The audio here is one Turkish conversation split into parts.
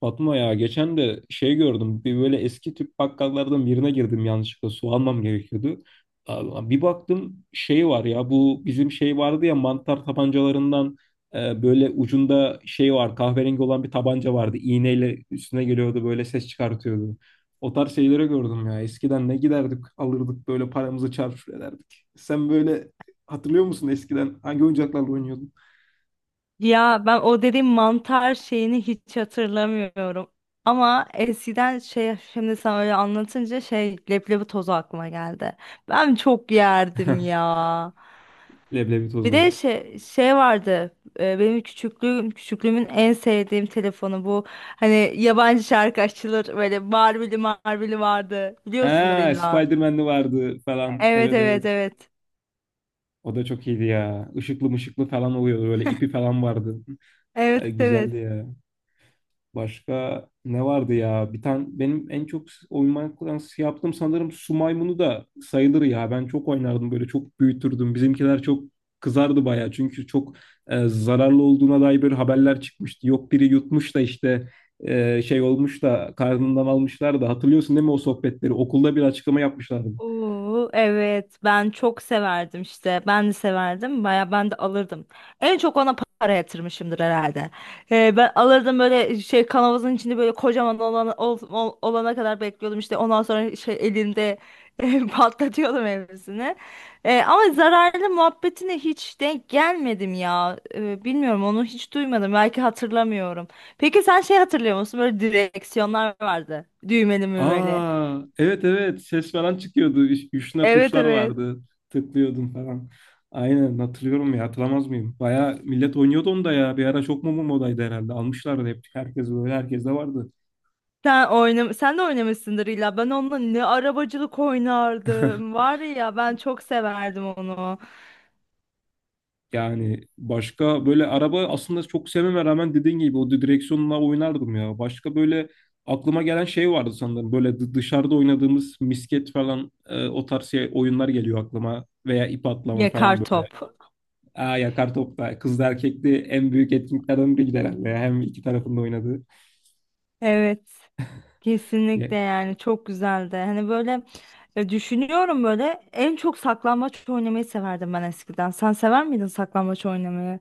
Fatma ya geçen de şey gördüm bir böyle eski tüp bakkallardan birine girdim yanlışlıkla su almam gerekiyordu. Aa, bir baktım şey var ya bu bizim şey vardı ya mantar tabancalarından böyle ucunda şey var kahverengi olan bir tabanca vardı. İğneyle üstüne geliyordu böyle ses çıkartıyordu. O tarz şeyleri gördüm ya eskiden ne giderdik alırdık böyle paramızı çarçur ederdik. Sen böyle hatırlıyor musun eskiden hangi oyuncaklarla oynuyordun? Ya ben o dediğim mantar şeyini hiç hatırlamıyorum. Ama eskiden şimdi sen öyle anlatınca leblebi tozu aklıma geldi. Ben çok yerdim ya. Leblebi Bir de tozu. şey vardı. Benim küçüklüğümün en sevdiğim telefonu bu. Hani yabancı şarkı açılır böyle Marveli vardı. Biliyorsundur Aa, illa. Spider-Man'li vardı falan. Evet, Evet evet, evet. evet. O da çok iyiydi ya. Işıklı mışıklı falan oluyordu. Böyle ipi falan vardı. Evet, Güzeldi evet. ya. Başka ne vardı ya? Bir tane benim en çok oymaktan yaptığım sanırım su maymunu da sayılır ya. Ben çok oynardım böyle çok büyütürdüm. Bizimkiler çok kızardı bayağı. Çünkü çok zararlı olduğuna dair böyle haberler çıkmıştı. Yok biri yutmuş da işte şey olmuş da karnından almışlar da hatırlıyorsun değil mi o sohbetleri? Okulda bir açıklama yapmışlardı. Oo, evet, ben çok severdim, işte ben de severdim baya, ben de alırdım, en çok ona para yatırmışımdır herhalde. Ben alırdım böyle şey kanavazın içinde böyle kocaman olana kadar bekliyordum, işte ondan sonra şey elimde patlatıyordum hepsini. Ama zararlı muhabbetine hiç denk gelmedim ya. Bilmiyorum, onu hiç duymadım, belki hatırlamıyorum. Peki sen şey hatırlıyor musun, böyle direksiyonlar vardı düğmeli mümeli. Aa, evet evet ses falan çıkıyordu. Üstüne Evet, tuşlar evet. vardı. Tıklıyordum falan. Aynen hatırlıyorum ya hatırlamaz mıyım? Baya millet oynuyordu onu da ya. Bir ara çok mu modaydı herhalde. Almışlardı hep. Herkes böyle herkes de vardı. Sen de oynamışsındır illa. Ben onunla ne arabacılık oynardım. Var ya, ben çok severdim onu. Yani başka böyle araba aslında çok sevmeme rağmen dediğin gibi o direksiyonla oynardım ya. Başka böyle aklıma gelen şey vardı sanırım. Böyle dışarıda oynadığımız misket falan o tarz şey, oyunlar geliyor aklıma. Veya ip atlama Yakar falan böyle. top. Aa, yakar topta. Kızlı erkekli en büyük etkinliklerden biriydi herhalde. Hem iki tarafında oynadığı. Evet. Kesinlikle, yani çok güzeldi. Hani böyle, düşünüyorum böyle en çok saklambaç oynamayı severdim ben eskiden. Sen sever miydin saklambaç oynamayı?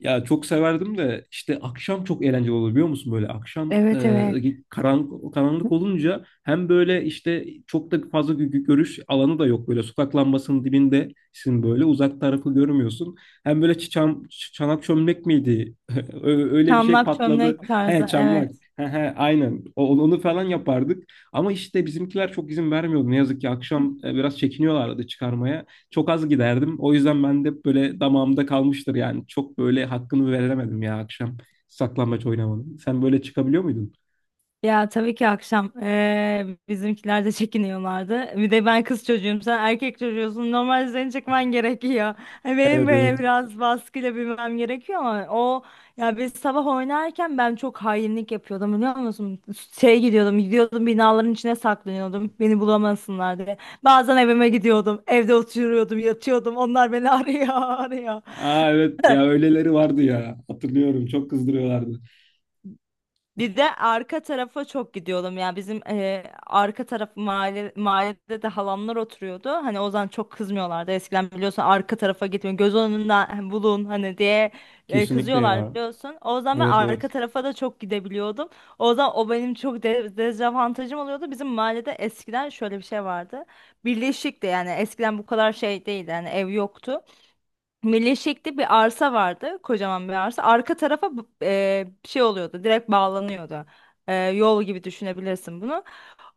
Ya çok severdim de işte akşam çok eğlenceli oluyor biliyor musun böyle akşam Evet, evet. Karanlık olunca hem böyle işte çok da fazla görüş alanı da yok böyle sokak lambasının dibindesin böyle uzak tarafı görmüyorsun hem böyle çanak çömlek miydi Öyle bir şey Çamlak patladı çömlek he tarzı. çamlak Evet. he he aynen. Onu falan yapardık ama işte bizimkiler çok izin vermiyordu ne yazık ki akşam biraz çekiniyorlardı çıkarmaya. Çok az giderdim. O yüzden ben de böyle damağımda kalmıştır yani. Çok böyle hakkını veremedim ya akşam saklambaç oynamanın. Sen böyle çıkabiliyor muydun? Ya tabii ki akşam bizimkiler de çekiniyorlardı. Bir de ben kız çocuğum, sen erkek çocuğusun. Normalde seni çekmen gerekiyor. Hani benim Evet evet. böyle biraz baskıyla bilmem gerekiyor ama o. Ya biz sabah oynarken ben çok hainlik yapıyordum biliyor musun? Gidiyordum, binaların içine saklanıyordum. Beni bulamasınlar diye. Bazen evime gidiyordum, evde oturuyordum, yatıyordum. Onlar beni arıyor, arıyor. Aa, evet ya öyleleri vardı ya. Hatırlıyorum çok kızdırıyorlardı. Bir de arka tarafa çok gidiyordum. Yani bizim arka taraf mahallede de halamlar oturuyordu. Hani o zaman çok kızmıyorlardı. Eskiden biliyorsun arka tarafa gitmeyin, göz önünden bulun hani diye Kesinlikle kızıyorlar ya. biliyorsun. O zaman ben Evet arka evet. tarafa da çok gidebiliyordum. O zaman o benim çok de dezavantajım oluyordu. Bizim mahallede eskiden şöyle bir şey vardı. Birleşikti, yani eskiden bu kadar şey değildi. Yani ev yoktu. Melekşek'te bir arsa vardı. Kocaman bir arsa. Arka tarafa şey oluyordu. Direkt bağlanıyordu. E, yol gibi düşünebilirsin bunu.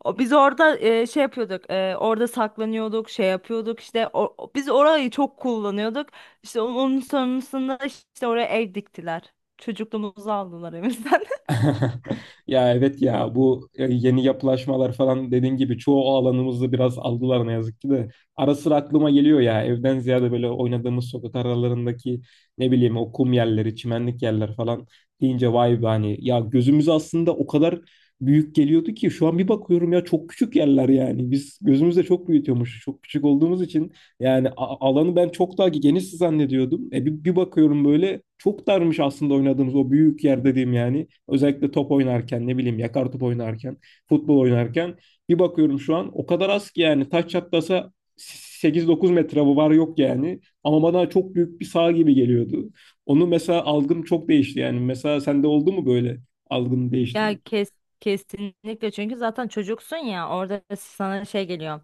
O, biz orada şey yapıyorduk. Orada saklanıyorduk. Şey yapıyorduk. İşte biz orayı çok kullanıyorduk. İşte onun sonrasında işte oraya ev diktiler. Çocukluğumuzu aldılar evimizden. Ya evet ya bu yeni yapılaşmalar falan dediğin gibi çoğu alanımızı biraz aldılar ne yazık ki de. Ara sıra aklıma geliyor ya evden ziyade böyle oynadığımız sokak aralarındaki ne bileyim o kum yerleri, çimenlik yerler falan deyince vay be hani ya gözümüz aslında o kadar büyük geliyordu ki şu an bir bakıyorum ya çok küçük yerler yani. Biz gözümüzde çok büyütüyormuş. Çok küçük olduğumuz için yani alanı ben çok daha geniş zannediyordum. Bir bakıyorum böyle çok darmış aslında oynadığımız o büyük yer dediğim yani. Özellikle top oynarken ne bileyim yakar top oynarken, futbol oynarken bir bakıyorum şu an o kadar az ki yani taç çatlasa 8-9 metre bu var yok yani. Ama bana çok büyük bir sağ gibi geliyordu. Onu mesela algım çok değişti yani. Mesela sende oldu mu böyle algın değişti? Ya kes, Kesinlikle, çünkü zaten çocuksun ya, orada sana şey geliyor.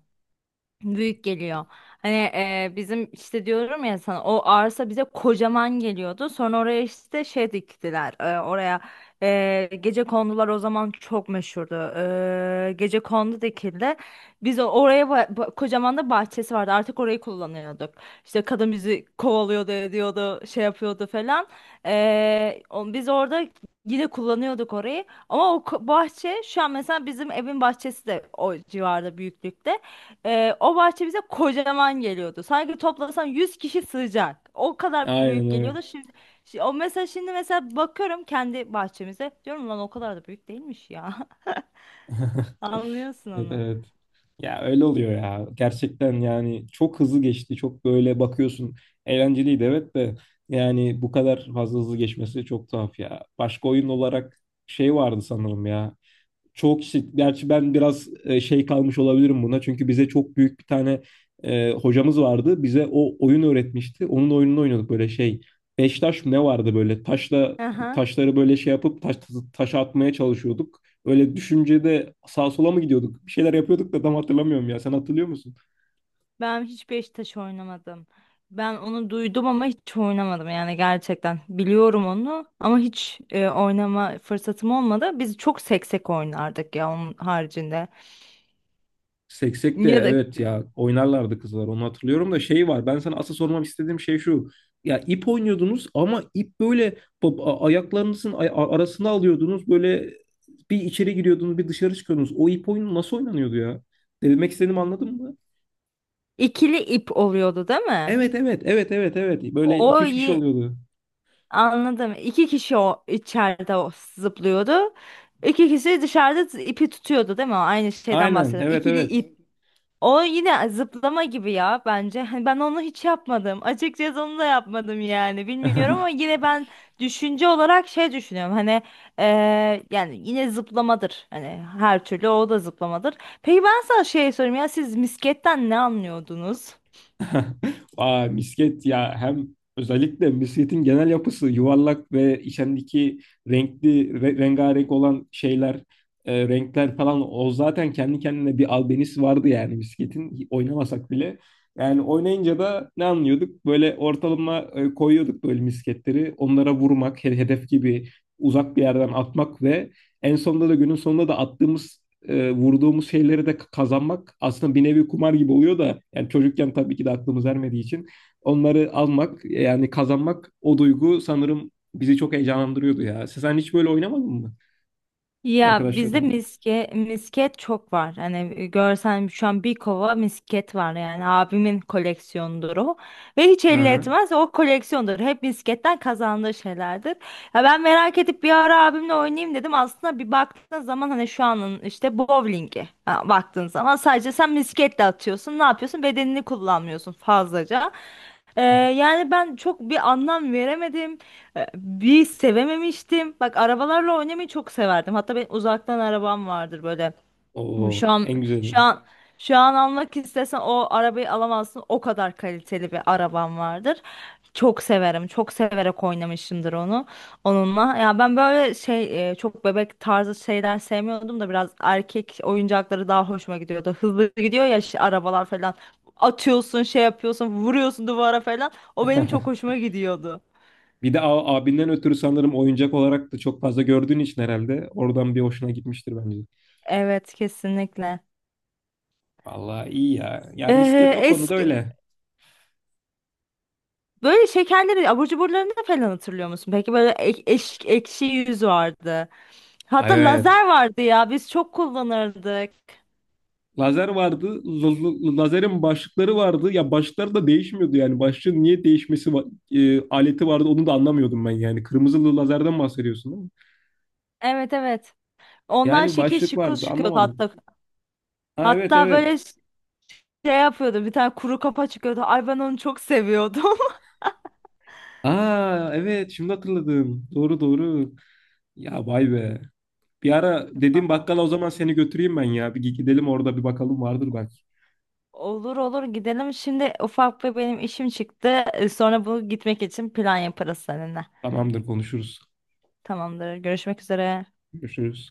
Büyük geliyor. Hani bizim işte diyorum ya sana, o arsa bize kocaman geliyordu. Sonra oraya işte şey diktiler. Oraya gece kondular, o zaman çok meşhurdu. E, gece kondu dikildi. Biz oraya kocaman da bahçesi vardı. Artık orayı kullanıyorduk. İşte kadın bizi kovalıyordu, ediyordu, şey yapıyordu falan. Biz orada yine kullanıyorduk orayı. Ama o bahçe, şu an mesela bizim evin bahçesi de o civarda büyüklükte. O bahçe bize kocaman geliyordu. Sanki toplasan 100 kişi sığacak. O kadar büyük Aynen öyle. geliyordu. O mesela şimdi mesela bakıyorum kendi bahçemize. Diyorum lan o kadar da büyük değilmiş ya. Anlıyorsun Evet, onu. evet. Ya öyle oluyor ya. Gerçekten yani çok hızlı geçti. Çok böyle bakıyorsun. Eğlenceliydi evet de yani bu kadar fazla hızlı geçmesi çok tuhaf ya. Başka oyun olarak şey vardı sanırım ya çoğu kişi gerçi ben biraz şey kalmış olabilirim buna. Çünkü bize çok büyük bir tane hocamız vardı. Bize o oyun öğretmişti. Onun oyununu oynuyorduk böyle şey. Beş taş mı ne vardı böyle? Taşla Aha. taşları böyle şey yapıp taşa atmaya çalışıyorduk. Öyle düşüncede sağa sola mı gidiyorduk? Bir şeyler yapıyorduk da tam hatırlamıyorum ya. Sen hatırlıyor musun? Ben hiç Beşiktaş oynamadım. Ben onu duydum ama hiç oynamadım yani gerçekten. Biliyorum onu ama hiç oynama fırsatım olmadı. Biz çok seksek oynardık ya onun haricinde. Seksek de Ya da evet ya oynarlardı kızlar onu hatırlıyorum da şey var ben sana asıl sormak istediğim şey şu ya ip oynuyordunuz ama ip böyle ayaklarınızın arasına alıyordunuz böyle bir içeri giriyordunuz bir dışarı çıkıyordunuz o ip oyunu nasıl oynanıyordu ya demek istediğimi anladın mı? ikili ip oluyordu değil mi? Evet evet evet evet evet böyle iki O. üç kişi oluyordu Anladım. İki kişi o içeride o zıplıyordu. İki kişi dışarıda ipi tutuyordu değil mi? Aynı şeyden aynen bahsediyorum. evet İkili evet. ip. O yine zıplama gibi ya bence. Hani ben onu hiç yapmadım. Açıkçası onu da yapmadım yani. Bilmiyorum, ama yine ben düşünce olarak şey düşünüyorum. Hani yani yine zıplamadır. Hani her türlü o da zıplamadır. Peki ben sana şey sorayım, ya siz misketten ne anlıyordunuz? Aa, misket ya hem özellikle misketin genel yapısı yuvarlak ve içindeki renkli rengarenk olan şeyler renkler falan o zaten kendi kendine bir albenisi vardı yani misketin oynamasak bile. Yani oynayınca da ne anlıyorduk? Böyle ortalama koyuyorduk böyle misketleri. Onlara vurmak, hedef gibi uzak bir yerden atmak ve en sonunda da günün sonunda da attığımız vurduğumuz şeyleri de kazanmak aslında bir nevi kumar gibi oluyor da yani çocukken tabii ki de aklımız ermediği için onları almak yani kazanmak o duygu sanırım bizi çok heyecanlandırıyordu ya. Sen hiç böyle oynamadın mı Ya bizde arkadaşlarınla? Misket çok var. Hani görsen şu an bir kova misket var, yani abimin koleksiyonudur o. Ve hiç Hı elli hı. etmez o koleksiyondur. Hep misketten kazandığı şeylerdir. Ya ben merak edip bir ara abimle oynayayım dedim. Aslında bir baktığın zaman hani şu anın işte bowlingi ha, baktığın zaman sadece sen misketle atıyorsun. Ne yapıyorsun? Bedenini kullanmıyorsun fazlaca. Ee, Yani ben çok bir anlam veremedim. E, bir sevememiştim. Bak arabalarla oynamayı çok severdim. Hatta benim uzaktan arabam vardır böyle. Şu Oo, an en güzeli. şu an Şu an almak istesen o arabayı alamazsın. O kadar kaliteli bir arabam vardır. Çok severim. Çok severek oynamışımdır onunla. Ya ben böyle şey çok bebek tarzı şeyler sevmiyordum da biraz erkek oyuncakları daha hoşuma gidiyordu. Hızlı gidiyor ya işte arabalar falan. Atıyorsun, şey yapıyorsun, vuruyorsun duvara falan. O benim çok hoşuma gidiyordu. Bir de abinden ötürü sanırım oyuncak olarak da çok fazla gördüğün için herhalde oradan bir hoşuna gitmiştir bence. Evet, kesinlikle. Vallahi iyi ya. Ya misket o konuda Eski öyle. böyle şekerleri, abur cuburlarını falan hatırlıyor musun? Peki böyle ekşi yüz vardı. Hatta Evet. lazer vardı ya, biz çok kullanırdık. Lazer vardı. Lazerin başlıkları vardı. Ya başlıkları da değişmiyordu yani. Başlığın niye değişmesi aleti vardı onu da anlamıyordum ben yani. Kırmızılı lazerden bahsediyorsun değil mi? Evet, evet. Ondan Yani şekil başlık şıkıl vardı çıkıyordu anlamadım. hatta. Ha evet Hatta evet. böyle şey yapıyordu, bir tane kuru kafa çıkıyordu. Ay ben onu çok seviyordum. Aa, evet şimdi hatırladım. Doğru doğru. Ya vay be. Bir ara dediğim Aa, bakkala o zaman seni götüreyim ben ya. Bir gidelim orada bir bakalım vardır belki. olur olur, gidelim. Şimdi ufak bir benim işim çıktı. Sonra bu gitmek için plan yaparız seninle. Tamamdır konuşuruz. Tamamdır. Görüşmek üzere. Görüşürüz.